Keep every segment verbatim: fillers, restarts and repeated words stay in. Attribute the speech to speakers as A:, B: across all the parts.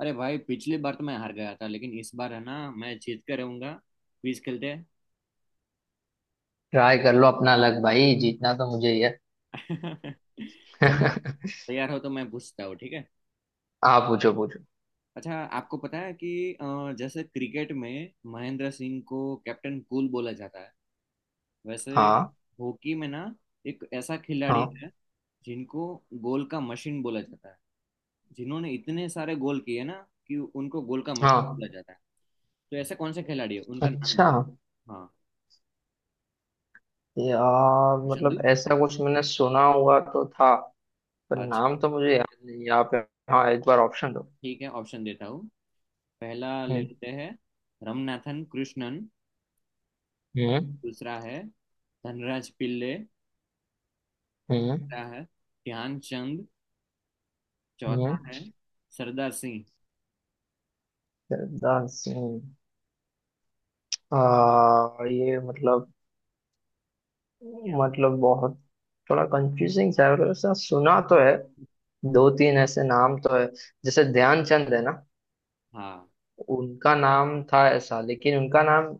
A: अरे भाई, पिछली बार तो मैं हार गया था, लेकिन इस बार है ना मैं जीत कर रहूंगा। क्विज खेलते हैं।
B: ट्राई कर लो अपना लक भाई, जीतना तो मुझे ही है।
A: चलो। तैयार हो तो मैं पूछता हूँ, ठीक है।
B: आप पूछो पूछो।
A: अच्छा, आपको पता है कि अ, जैसे क्रिकेट में महेंद्र सिंह को कैप्टन कूल बोला जाता है, वैसे
B: हाँ,
A: हॉकी में ना एक ऐसा खिलाड़ी
B: हाँ,
A: है जिनको गोल का मशीन बोला जाता है, जिन्होंने इतने सारे गोल किए ना कि उनको गोल का मशीन
B: हाँ।
A: बोला जाता है। तो ऐसा कौन सा खिलाड़ी है, उनका नाम
B: अच्छा
A: क्या है? हाँ।
B: यार, मतलब
A: चंदू।
B: ऐसा कुछ मैंने सुना हुआ तो था, पर
A: अच्छा।
B: नाम तो मुझे याद नहीं है। आप। हाँ, एक बार ऑप्शन दो।
A: ठीक है, ऑप्शन देता हूँ। पहला ले
B: हम्म।
A: लेते हैं, रमनाथन कृष्णन।
B: हम्म।
A: दूसरा है धनराज पिल्ले।
B: हम्म।
A: तीसरा है ध्यानचंद। चौथा
B: हम्म।
A: है सरदार सिंह।
B: सरदार सिंह। आ, ये मतलब
A: क्या हुआ?
B: मतलब बहुत, थोड़ा कंफ्यूजिंग सा है, मतलब ऐसा सुना तो है। दो तीन ऐसे नाम तो है, जैसे ध्यानचंद है ना,
A: हाँ।
B: उनका नाम था ऐसा, लेकिन उनका नाम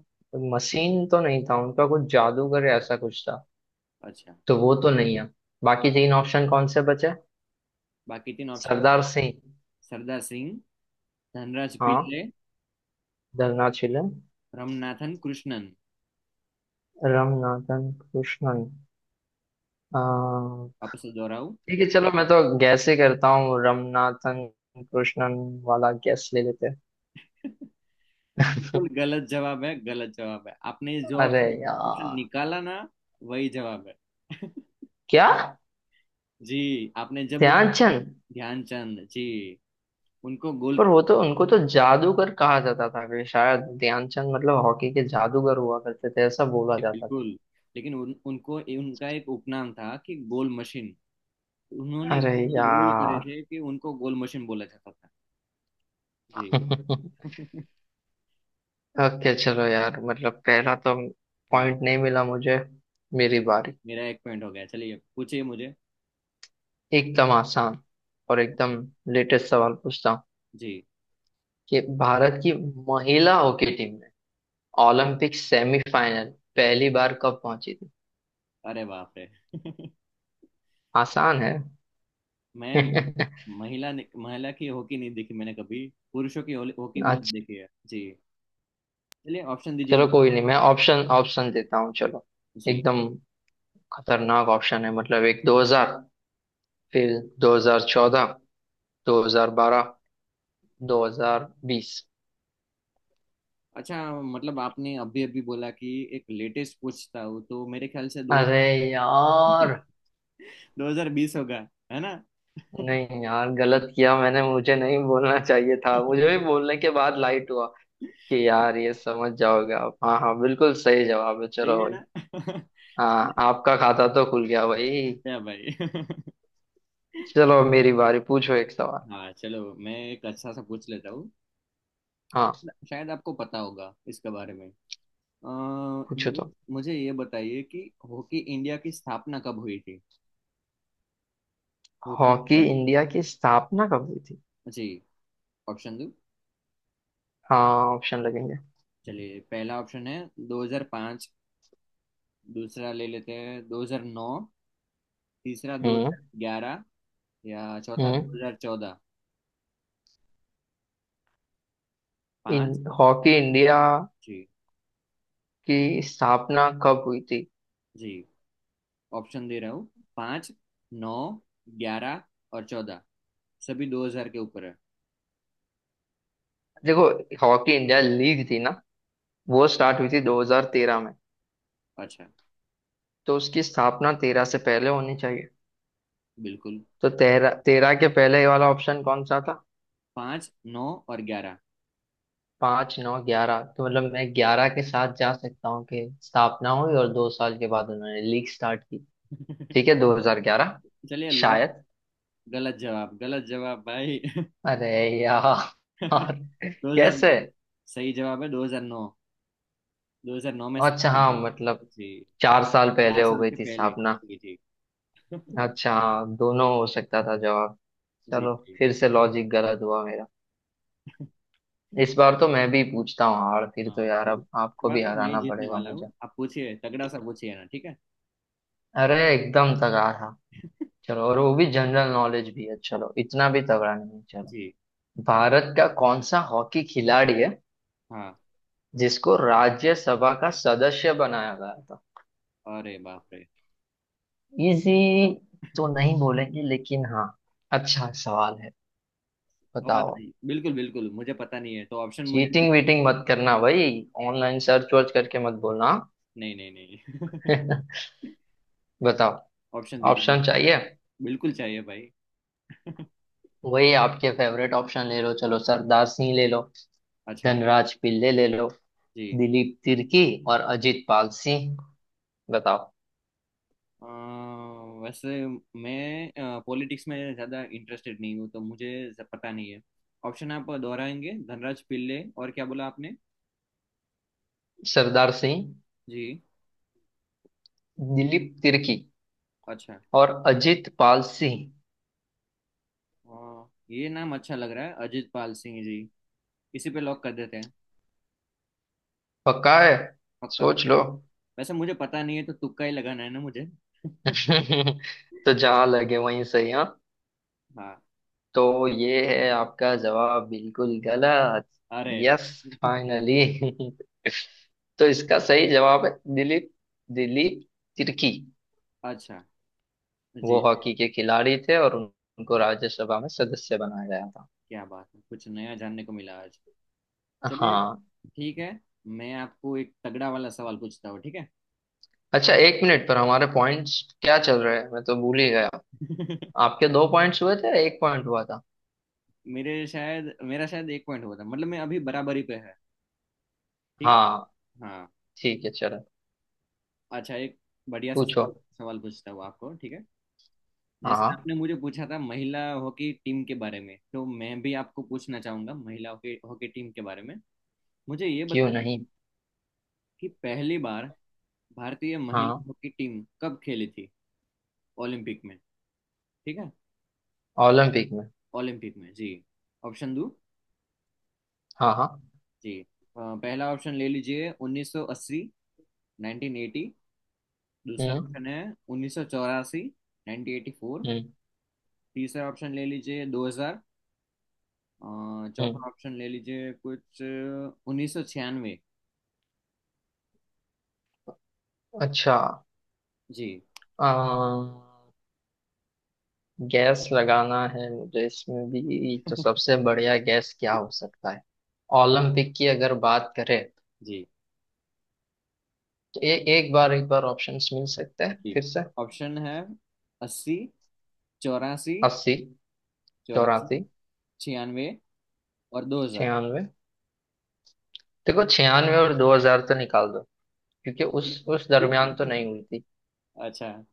B: मसीन तो नहीं था, उनका कुछ जादूगर या ऐसा कुछ था,
A: अच्छा।
B: तो वो तो नहीं है। बाकी तीन ऑप्शन कौन से बचे?
A: बाकी तीन ऑप्शन
B: सरदार
A: है,
B: सिंह,
A: सरदार सिंह, धनराज
B: हाँ,
A: पिल्ले,
B: धरना चिलम,
A: रमनाथन कृष्णन।
B: रमनाथन कृष्णन। अ,
A: वापस से दोहराऊं?
B: ठीक है चलो, मैं तो गैस ही करता हूँ, रमनाथन कृष्णन वाला गैस ले लेते हैं।
A: बिल्कुल गलत जवाब है, गलत जवाब है। आपने जो
B: अरे
A: ऑप्शन ऑप्शन
B: यार,
A: निकाला ना, वही जवाब है।
B: क्या?
A: जी। आपने जब
B: ध्यानचंद?
A: ध्यानचंद जी, उनको गोल,
B: पर वो तो, उनको तो जादूगर कहा जाता था कि शायद ध्यानचंद मतलब हॉकी के जादूगर हुआ करते थे, ऐसा बोला जाता था।
A: बिल्कुल। लेकिन उन, उनको उनका एक उपनाम था कि गोल मशीन। उन्होंने
B: अरे
A: इतने गोल करे
B: यार।
A: थे कि उनको गोल मशीन बोला जाता था। जी।
B: ओके चलो यार, मतलब पहला तो
A: हाँ।
B: पॉइंट नहीं मिला मुझे। मेरी बारी।
A: मेरा एक पॉइंट हो गया, चलिए पूछिए मुझे।
B: एकदम आसान और एकदम लेटेस्ट सवाल पूछता हूँ
A: जी।
B: कि भारत की महिला हॉकी टीम ने ओलंपिक सेमीफाइनल पहली बार कब पहुंची थी।
A: अरे बाप रे।
B: आसान है।
A: मैं
B: अच्छा।
A: महिला ने- महिला की हॉकी नहीं देखी मैंने कभी। पुरुषों की हॉली- हॉकी बहुत देखी है जी। चलिए ऑप्शन दीजिए
B: चलो
A: मुझे।
B: कोई नहीं, मैं ऑप्शन ऑप्शन देता हूँ चलो।
A: जी।
B: एकदम खतरनाक ऑप्शन है, मतलब एक दो हज़ार, फिर दो हज़ार चौदह, दो हज़ार बारह, दो हज़ार बीस।
A: अच्छा, मतलब आपने अभी अभी बोला कि एक लेटेस्ट पूछता हूँ, तो मेरे ख्याल से दो
B: अरे यार।
A: दो हज़ार बीस होगा, है ना?
B: नहीं यार, गलत किया मैंने, मुझे नहीं बोलना चाहिए था, मुझे भी बोलने के बाद लाइट हुआ कि यार ये समझ जाओगे आप। हाँ हाँ बिल्कुल सही जवाब है,
A: सही
B: चलो
A: है
B: भाई।
A: ना?
B: हाँ आपका खाता तो खुल गया भाई।
A: क्या भाई।
B: चलो मेरी बारी, पूछो एक सवाल।
A: हाँ, चलो मैं एक अच्छा सा पूछ लेता हूँ।
B: हाँ,
A: शायद आपको पता होगा इसके बारे में। अ,
B: पूछो
A: मुझे
B: तो।
A: मुझे ये बताइए कि हॉकी इंडिया की स्थापना कब हुई थी। Hockey
B: Hockey
A: India.
B: इंडिया की स्थापना कब हुई थी?
A: जी। ऑप्शन दो।
B: हाँ, ऑप्शन लगेंगे।
A: चलिए, पहला ऑप्शन है दो हज़ार पाँच। दूसरा ले लेते हैं दो हज़ार नौ। तीसरा
B: हम्म।
A: दो हज़ार ग्यारह। या चौथा
B: हम्म।
A: दो हज़ार चौदह।
B: इन
A: पाँच।
B: हॉकी इंडिया
A: जी
B: की स्थापना कब हुई थी?
A: जी, ऑप्शन दे रहा हूँ। पाँच, नौ, ग्यारह और चौदह। सभी दो हजार के ऊपर है।
B: देखो, हॉकी इंडिया लीग थी ना, वो स्टार्ट हुई थी दो हज़ार तेरह में,
A: अच्छा।
B: तो उसकी स्थापना तेरह से पहले होनी चाहिए।
A: बिल्कुल।
B: तो तेरह तेरह के पहले वाला ऑप्शन कौन सा था?
A: पाँच, नौ और ग्यारह।
B: पाँच नौ ग्यारह, तो मतलब मैं ग्यारह के साथ जा सकता हूँ कि स्थापना हुई और दो साल के बाद उन्होंने लीग स्टार्ट की। ठीक है, दो हज़ार ग्यारह
A: चलिए लॉक।
B: शायद।
A: गलत जवाब, गलत जवाब भाई।
B: अरे यार।
A: दो हजार,
B: कैसे?
A: सही जवाब है दो हजार नौ। दो हजार नौ में
B: अच्छा
A: स्थापना
B: हाँ
A: हुई।
B: मतलब,
A: जी।
B: चार साल पहले
A: चार
B: हो
A: साल
B: गई
A: के
B: थी
A: पहले।
B: स्थापना।
A: जी जी।
B: अच्छा हाँ, दोनों हो सकता था जवाब।
A: जी
B: चलो
A: जी।
B: फिर से लॉजिक गलत हुआ मेरा। इस बार तो मैं भी पूछता हूँ हार, फिर तो
A: हाँ,
B: यार
A: इस
B: अब आपको
A: बार
B: भी
A: तो मैं ही
B: हराना
A: जीतने
B: पड़ेगा
A: वाला
B: मुझे।
A: हूँ। आप पूछिए, तगड़ा सा पूछिए ना, ठीक है।
B: अरे एकदम तगड़ा था। चलो और वो भी जनरल नॉलेज भी है, चलो इतना भी तगड़ा नहीं है, चलो।
A: जी।
B: भारत का कौन सा हॉकी खिलाड़ी है
A: हाँ।
B: जिसको राज्यसभा का सदस्य बनाया गया था?
A: अरे बाप रे।
B: इजी तो नहीं बोलेंगे, लेकिन हाँ, अच्छा सवाल है।
A: और
B: बताओ।
A: बिल्कुल बिल्कुल मुझे पता नहीं है, तो ऑप्शन मुझे।
B: चीटिंग वीटिंग मत करना भाई, ऑनलाइन सर्च वर्च करके मत बोलना।
A: नहीं नहीं नहीं।
B: बताओ।
A: ऑप्शन दीजिए मुझे।
B: ऑप्शन चाहिए?
A: बिल्कुल चाहिए भाई।
B: वही आपके फेवरेट ऑप्शन ले लो, चलो सरदार सिंह ले लो,
A: अच्छा।
B: धनराज पिल्ले ले लो,
A: जी।
B: दिलीप तिर्की और अजीत पाल सिंह। बताओ।
A: अ, वैसे मैं पॉलिटिक्स में ज़्यादा इंटरेस्टेड नहीं हूँ, तो मुझे ज- पता नहीं है। ऑप्शन आप दोहराएंगे? धनराज पिल्ले और क्या बोला आपने?
B: सरदार सिंह,
A: जी।
B: दिलीप तिर्की
A: अच्छा।
B: और अजीत पाल सिंह।
A: अ, ये नाम अच्छा लग रहा है, अजित पाल सिंह जी। इसी पे लॉक कर देते हैं।
B: पक्का है?
A: पक्का
B: सोच लो।
A: पक्का। वैसे मुझे पता नहीं है, तो तुक्का ही लगाना है ना मुझे।
B: तो जहां लगे वहीं सही, हाँ।
A: हाँ।
B: तो ये है आपका जवाब, बिल्कुल गलत।
A: अरे।
B: Yes, finally. तो इसका सही जवाब है दिलीप, दिलीप तिर्की।
A: अच्छा।
B: वो
A: जी।
B: हॉकी के खिलाड़ी थे और उन- उनको राज्यसभा में सदस्य बनाया गया था।
A: क्या बात है, कुछ नया जानने को मिला आज। चलिए।
B: हाँ।
A: ठीक है। मैं आपको एक तगड़ा वाला सवाल पूछता हूँ, ठीक है।
B: अच्छा एक मिनट, पर हमारे पॉइंट्स क्या चल रहे हैं, मैं तो भूल ही गया। आपके दो पॉइंट्स हुए थे, एक पॉइंट हुआ था।
A: मेरे शायद मेरा शायद एक पॉइंट हुआ था, मतलब मैं अभी बराबरी पे है। ठीक है।
B: हाँ
A: हाँ।
B: ठीक है चलो।
A: अच्छा, एक बढ़िया सा
B: पूछो।
A: सवाल सवाल पूछता हूँ आपको, ठीक है। जैसे
B: हाँ
A: आपने मुझे पूछा था महिला हॉकी टीम के बारे में, तो मैं भी आपको पूछना चाहूंगा महिला हॉकी हॉकी टीम के बारे में। मुझे ये
B: क्यों
A: बताया
B: नहीं।
A: कि पहली बार भारतीय महिला
B: हाँ,
A: हॉकी टीम कब खेली थी ओलंपिक में, ठीक है।
B: ओलंपिक में।
A: ओलंपिक में जी। ऑप्शन दो।
B: हाँ हाँ।
A: जी। अ, पहला ऑप्शन ले लीजिए उन्नीस सौ अस्सी। उन्नीस सौ अस्सी। दूसरा
B: हम्म।
A: ऑप्शन है उन्नीस सौ चौरासी। उन्नीस सौ चौरासी।
B: हम्म।
A: तीसरा ऑप्शन ले लीजिए दो हज़ार। अ,
B: हम्म।
A: चौथा ऑप्शन ले लीजिए कुछ उन्नीस सौ छियानवे।
B: अच्छा,
A: जी।
B: गैस लगाना है मुझे इसमें भी, तो सबसे बढ़िया गैस क्या हो सकता है? ओलंपिक की अगर बात करें
A: जी
B: तो ए, एक बार एक बार ऑप्शंस मिल सकते हैं
A: जी।
B: फिर से।
A: ऑप्शन है, अस्सी, चौरासी,
B: अस्सी,
A: चौरासी,
B: चौरासी,
A: छियानवे और दो हजार।
B: छियानवे। देखो छियानवे और दो हजार तो निकाल दो, क्योंकि उस उस दरमियान तो नहीं हुई थी।
A: अच्छा।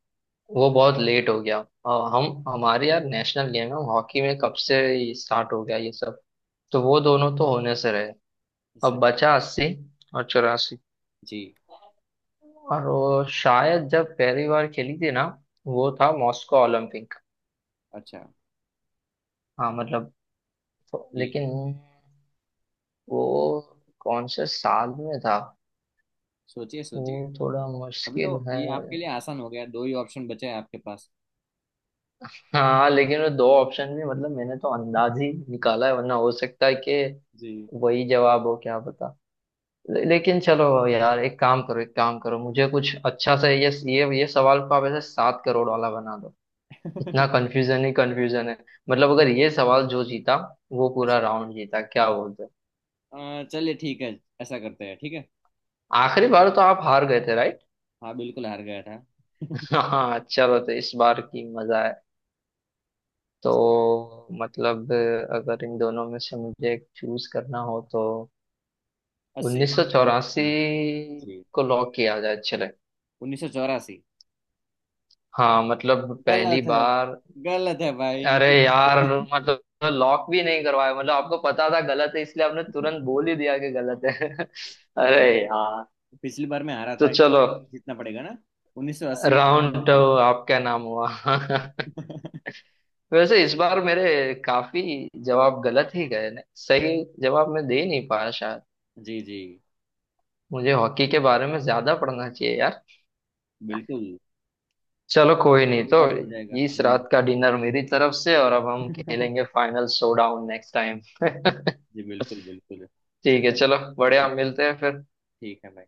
B: वो बहुत लेट हो गया, और हम, हमारे यार नेशनल गेम है हॉकी, में कब से स्टार्ट हो गया ये सब? तो वो दोनों तो होने से रहे। अब
A: सही।
B: बचा अस्सी और चौरासी।
A: जी।
B: और वो शायद जब पहली बार खेली थी ना, वो था मॉस्को ओलंपिक।
A: अच्छा।
B: हाँ मतलब। तो-
A: जी।
B: लेकिन वो कौन से साल में था?
A: सोचिए,
B: वो
A: सोचिए।
B: थोड़ा
A: अभी तो
B: मुश्किल है।
A: ये आपके लिए आसान हो गया, दो ही ऑप्शन बचे हैं आपके पास।
B: हाँ लेकिन वो दो ऑप्शन भी, मतलब मैंने तो अंदाज ही निकाला है, वरना हो सकता है कि
A: जी।
B: वही जवाब हो, क्या पता। ले, लेकिन चलो यार एक काम करो एक काम करो, मुझे कुछ अच्छा सा, ये ये ये सवाल को आप ऐसे सात करोड़ वाला बना दो। इतना कंफ्यूजन ही कंफ्यूजन है। मतलब अगर ये सवाल जो जीता वो पूरा
A: अच्छा,
B: राउंड जीता, क्या बोलते हो?
A: अ, चलिए ठीक है, ऐसा करते हैं, ठीक है।
B: आखिरी बार तो आप हार गए थे राइट?
A: हाँ बिल्कुल हार गया था।
B: हाँ चलो, तो इस बार की मजा है।
A: जी।
B: तो मतलब अगर इन दोनों में से मुझे एक चूज करना हो तो
A: अस्सी और
B: उन्नीस सौ चौरासी
A: चौरासी। जी।
B: को लॉक किया जाए चले।
A: उन्नीस सौ चौरासी।
B: हाँ, मतलब पहली
A: गलत है,
B: बार।
A: गलत है भाई।
B: अरे यार, मतलब लॉक भी नहीं करवाया, मतलब आपको पता था गलत है इसलिए आपने तुरंत बोल ही दिया कि गलत है। अरे
A: हाँ,
B: यार।
A: पिछली बार मैं हारा
B: तो
A: था,
B: चलो,
A: जीतना पड़ेगा ना। उन्नीस सौ अस्सी में
B: राउंड
A: पिछली बार
B: तो
A: थी।
B: आपका नाम हुआ। वैसे इस बार मेरे काफी जवाब गलत ही गए ना, सही जवाब मैं दे नहीं पाया शायद।
A: जी जी
B: मुझे हॉकी के बारे में ज्यादा पढ़ना चाहिए यार।
A: बिल्कुल।
B: चलो कोई नहीं
A: ये
B: तो,
A: बात हो जाएगा
B: इस
A: अगली बार।
B: रात का डिनर मेरी तरफ से और अब हम खेलेंगे फाइनल शोडाउन नेक्स्ट टाइम।
A: जी बिल्कुल बिल्कुल।
B: ठीक है
A: चलिए
B: चलो बढ़िया, मिलते हैं फिर।
A: ठीक है भाई।